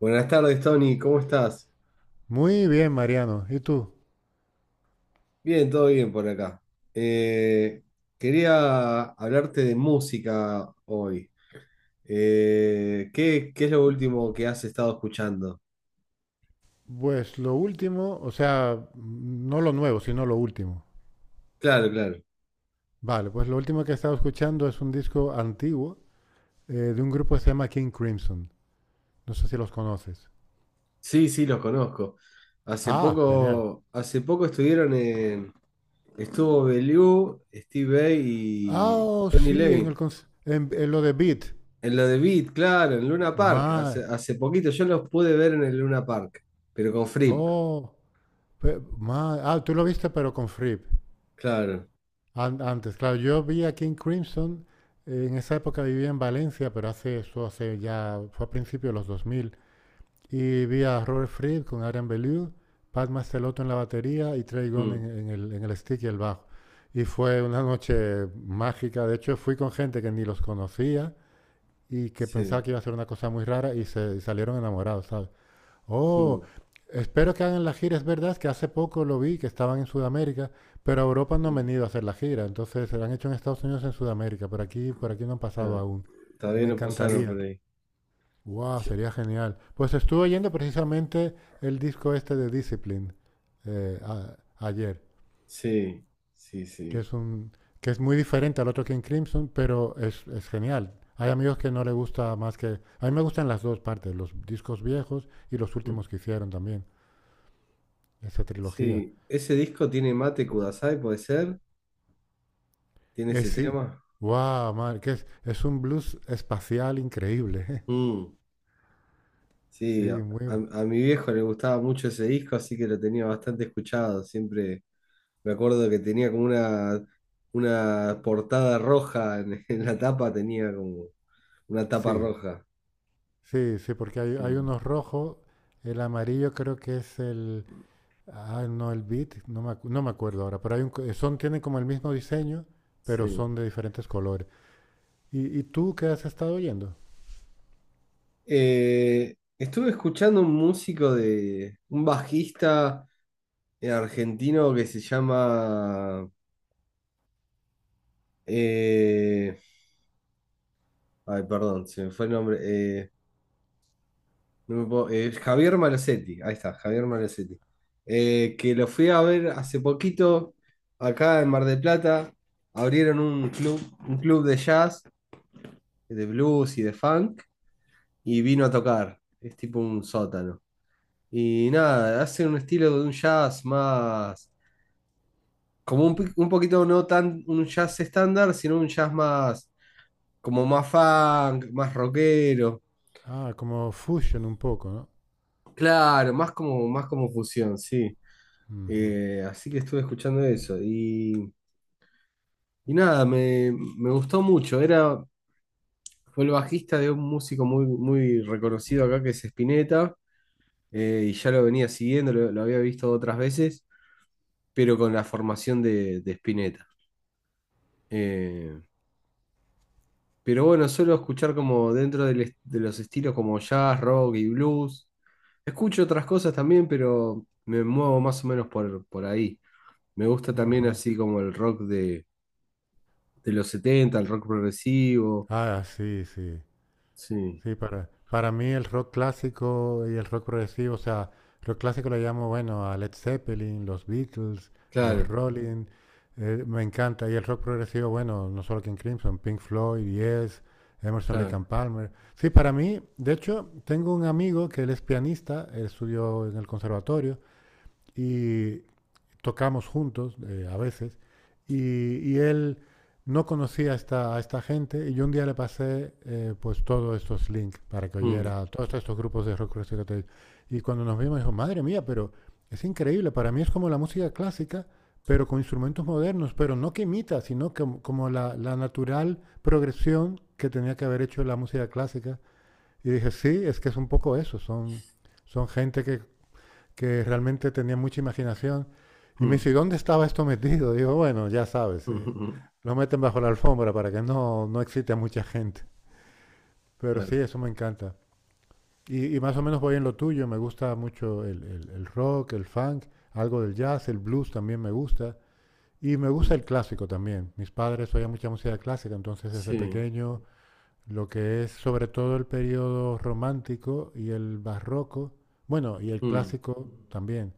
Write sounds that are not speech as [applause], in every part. Buenas tardes, Tony, ¿cómo estás? Muy bien, Mariano. ¿Y tú? Bien, todo bien por acá. Eh, Quería hablarte de música hoy. ¿Qué es lo último que has estado escuchando? Pues lo último, o sea, no lo nuevo, sino lo último. Claro, claro. Vale, pues lo último que he estado escuchando es un disco antiguo de un grupo que se llama King Crimson. No sé si los conoces. Sí, sí, los conozco. Hace Ah, genial. poco, hace poco estuvieron en... Estuvo Belew, Steve Vai Ah, y oh, Tony sí, en, el, Levin. cons- Eh, en lo de Beat. En lo de Beat, claro, en Luna Park. Hace, Ma, hace poquito yo los pude ver en el Luna Park, pero con Fripp, oh, tú lo viste pero con Fripp. claro. Antes, claro, yo vi a King Crimson, en esa época vivía en Valencia, pero hace eso, hace ya, fue a principios de los 2000. Y vi a Robert Fripp con Adrian Belew, Pat Mastelotto en la batería y Trey Gunn en, Mm, en el, en el stick y el bajo. Y fue una noche mágica. De hecho, fui con gente que ni los conocía y que pensaba sí, que iba a ser una cosa muy rara y salieron enamorados, ¿sabes? Oh, mm, espero que hagan la gira. Es verdad que hace poco lo vi, que estaban en Sudamérica, pero a Europa no han sí, venido a hacer la gira. Entonces, se la han hecho en Estados Unidos, en Sudamérica. Por aquí, no han pasado claro. aún. Todavía Me no pasaron por encantaría. ahí. Wow, sería genial. Pues estuve oyendo precisamente el disco este de Discipline ayer, Sí, sí, que sí. es un que es muy diferente al otro King Crimson, pero es genial. Hay amigos que no le gusta más que a mí me gustan las dos partes, los discos viejos y los Mm, últimos que hicieron también, esa trilogía. Sí, ese disco tiene Mate Kudasai, puede ser. Tiene Eh, ese sí. tema. Wow, madre, que es un blues espacial increíble. [laughs] Mm, Sí, sí, a mi viejo le gustaba mucho ese disco, así que lo tenía bastante escuchado. Siempre me acuerdo que tenía como una portada roja en, [laughs] en la tapa, tenía como una tapa sí. roja. Sí, sí, porque hay, Sí, hay unos rojos, el amarillo creo que es el. Ah, no, el Beat, no me acuerdo ahora, pero hay un son, tienen como el mismo diseño, pero sí. son de diferentes colores. ¿Y tú qué has estado oyendo? Estuve escuchando un músico de un bajista argentino que se llama. eh, Ay, perdón, se me fue el nombre. No me puedo- Javier Malosetti. Ahí está, Javier Malosetti. Que lo fui a ver hace poquito acá en Mar del Plata. Abrieron un club de jazz, de blues y de funk, y vino a tocar. Es tipo un sótano. Y nada, hace un estilo de un jazz más. Como un, un poquito no tan un jazz estándar, sino un jazz más, como más funk, más rockero. Ah, como fusion un poco, ¿no? Claro, más como fusión, sí. Ujú. Así que estuve escuchando eso. Y nada, me gustó mucho. Era, fue el bajista de un músico muy, muy reconocido acá que es Spinetta. Y ya lo venía siguiendo, lo había visto otras veces, pero con la formación de Spinetta. Eh, Pero bueno, suelo escuchar como dentro de los estilos como jazz, rock y blues. Escucho otras cosas también, pero me muevo más o menos por ahí. Me gusta también Ajá. así como el rock de los setenta, el rock progresivo. Ah, sí, sí. Sí, Sí, para mí el rock clásico y el rock progresivo, o sea, rock clásico le llamo, bueno, a Led Zeppelin, los Beatles, los claro, Rolling, me encanta. Y el rock progresivo, bueno, no solo King Crimson, Pink Floyd, Yes, Emerson, Lake and claro. Palmer. Sí, para mí, de hecho, tengo un amigo que él es pianista, él estudió en el conservatorio y tocamos juntos a veces y él no conocía a esta gente y yo un día le pasé pues todos estos links para que Mm, oyera todos estos grupos de rock Recital. Y cuando nos vimos dijo, madre mía, pero es increíble, para mí es como la música clásica, pero con instrumentos modernos, pero no que imita, sino que, como la natural progresión que tenía que haber hecho la música clásica. Y dije, sí, es que es un poco eso, son gente que realmente tenía mucha imaginación. Y me mm, dice, ¿y dónde estaba esto metido? Digo, bueno, ya sabes, mm, lo meten bajo la alfombra para que no excite a mucha gente. [laughs] Pero Claro. sí, eso me encanta. Y más o menos voy en lo tuyo, me gusta mucho el rock, el funk, algo del jazz, el blues también me gusta. Y me gusta el mm, clásico también. Mis padres oían mucha música clásica, entonces desde sí. pequeño lo que es sobre todo el periodo romántico y el barroco, bueno, y el mm, clásico también.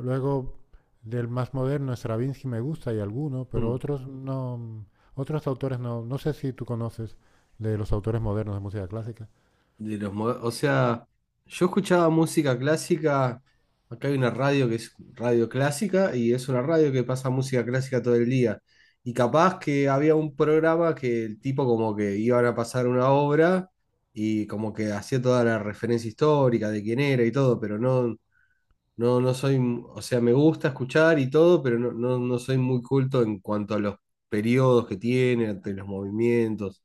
Luego, del más moderno, Stravinsky me gusta y alguno, pero mm. otros no, otros autores no, no sé si tú conoces de los autores modernos de música clásica. De los, o sea, yo escuchaba música clásica. Acá hay una radio que es radio clásica y es una radio que pasa música clásica todo el día. Y capaz que había un programa que el tipo como que iban a pasar una obra y como que hacía toda la referencia histórica de quién era y todo, pero no, no, no soy, o sea, me gusta escuchar y todo, pero no, no, no soy muy culto en cuanto a los periodos que tiene, ante los movimientos.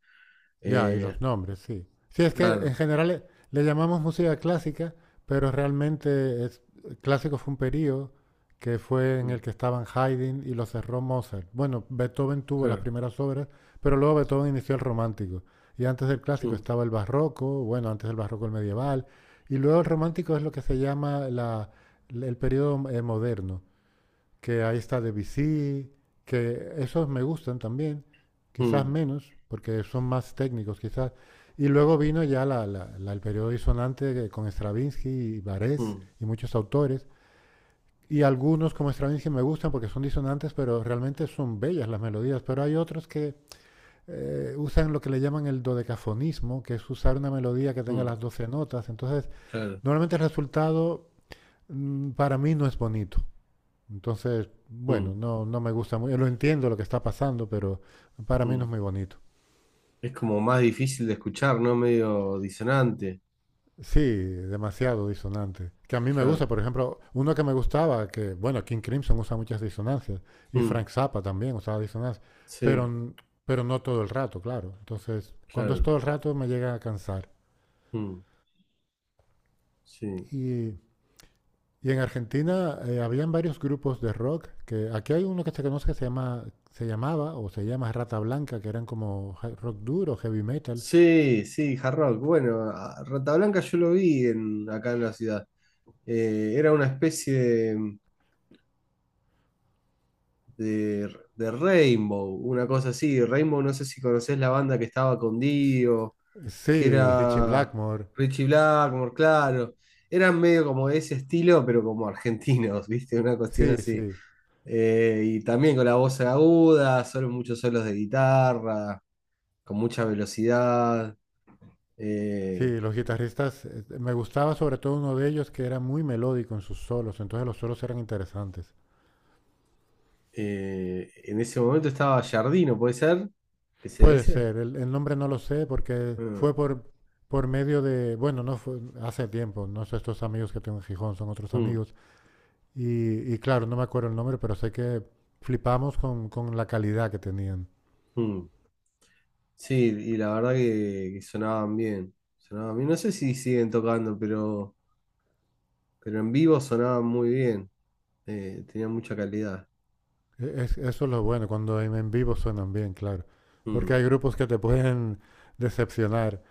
Ya, y Eh, los nombres, sí. Sí, es que claro, en general le llamamos música clásica, pero realmente es, clásico fue un periodo que fue en mm, el que estaban Haydn y lo cerró Mozart. Bueno, Beethoven tuvo las claro. primeras obras, pero luego Beethoven inició el romántico. Y antes del clásico Mm, estaba el barroco, bueno, antes del barroco el medieval, y luego el romántico es lo que se llama el periodo moderno que ahí está Debussy, que esos me gustan también, quizás mm, menos, porque son más técnicos quizás. Y luego vino ya el periodo disonante con Stravinsky y Barés mm, y muchos autores. Y algunos como Stravinsky me gustan porque son disonantes, pero realmente son bellas las melodías. Pero hay otros que usan lo que le llaman el dodecafonismo, que es usar una melodía que tenga mm, las 12 notas. Entonces, claro. normalmente el resultado para mí no es bonito. Entonces, bueno, mm, no me gusta muy, lo entiendo lo que está pasando, pero para mí no es mm. muy bonito. Es como más difícil de escuchar, ¿no? Medio disonante. Sí, demasiado disonante. Que a mí me Claro. gusta, por ejemplo, uno que me gustaba, que, bueno, King Crimson usa muchas disonancias, y mm, Frank Zappa también usaba disonancias, pero, sí, pero no todo el rato, claro. Entonces, cuando es claro. todo el rato me llega a cansar. mm, sí. Y, y en Argentina habían varios grupos de rock, que aquí hay uno que se conoce que se llama, se llamaba o se llama Rata Blanca, que eran como rock duro, heavy metal. Sí, sí, hard rock. Bueno, Rata Blanca yo lo vi en, acá en la ciudad. Era una especie de, de Rainbow, una cosa así. Rainbow, no sé si conocés la banda que estaba con Dio. Que Sí, Richie era Blackmore. Richie Blackmore, claro. Eran medio como de ese estilo, pero como argentinos, [laughs] ¿viste? Una cuestión Sí, así. sí. Y también con la voz aguda, solo muchos solos de guitarra, con mucha velocidad. Eh, Sí, los guitarristas, me gustaba sobre todo uno de ellos que era muy melódico en sus solos, entonces los solos eran interesantes. En ese momento estaba Jardino, ¿puede ser? ¿Que sea Puede ese? ser, el nombre no lo sé porque Ah, fue por, medio de, bueno, no fue hace tiempo, no sé, estos amigos que tengo en Gijón son otros mm, amigos, y claro, no me acuerdo el nombre, pero sé que flipamos con la calidad que tenían. mm. Sí, y la verdad que sonaban bien. Sonaban bien. No sé si siguen tocando, pero en vivo sonaban muy bien. Tenía mucha calidad. Eso es lo bueno, cuando en vivo suenan bien, claro, porque Mm, hay grupos que te pueden decepcionar.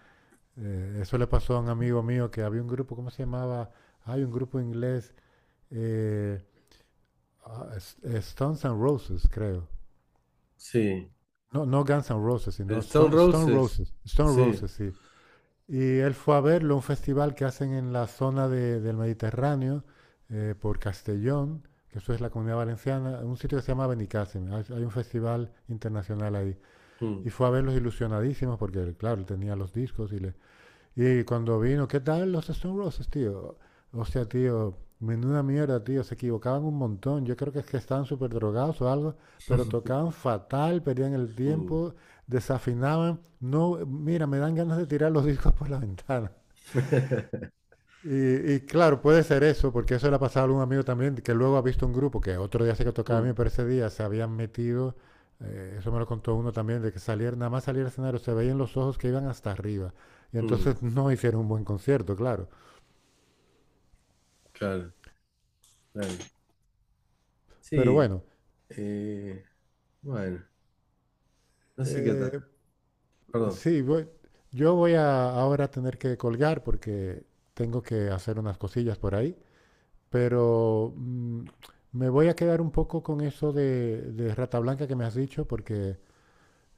Eso le pasó a un amigo mío que había un grupo, ¿cómo se llamaba? Hay un grupo inglés, eh, Stones and Roses, creo. sí. No, no Guns N' Roses, sino Stone Stone Roses, Roses. Stone sí. Roses, sí. Y él fue a verlo, a un festival que hacen en la zona del Mediterráneo, por Castellón, que eso es la Comunidad Valenciana, en un sitio que se llama Benicàssim. Hay un festival internacional ahí. Mm, Y fue a verlos ilusionadísimos porque, claro, él tenía los discos y cuando vino, ¿qué tal los Stone Roses, tío? O sea, tío, menuda mierda, tío, se equivocaban un montón. Yo creo que es que estaban súper drogados o algo, pero [laughs] tocaban fatal, perdían el mm, tiempo, desafinaban. No, mira, me dan ganas de tirar los discos por la ventana. Y claro, puede ser eso, porque eso le ha pasado a algún amigo también, que luego ha visto un grupo que otro día se que tocaba a mí, mm, pero ese día se habían metido, eso me lo contó uno también, de que salir, nada más salir al escenario, se veían los ojos que iban hasta arriba. Y mm, entonces [laughs] no hicieron un buen concierto, claro. claro, claro. Pero Sí, bueno, eh, bueno, no sé qué tal. eh, Perdón. sí, yo voy a ahora a tener que colgar porque tengo que hacer unas cosillas por ahí, pero me voy a quedar un poco con eso de Rata Blanca que me has dicho, porque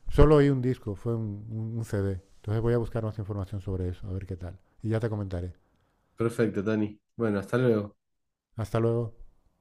solo oí un disco, fue un CD. Entonces voy a buscar más información sobre eso, a ver qué tal. Y ya te comentaré. Perfecto, Tani. Bueno, hasta luego. Hasta luego.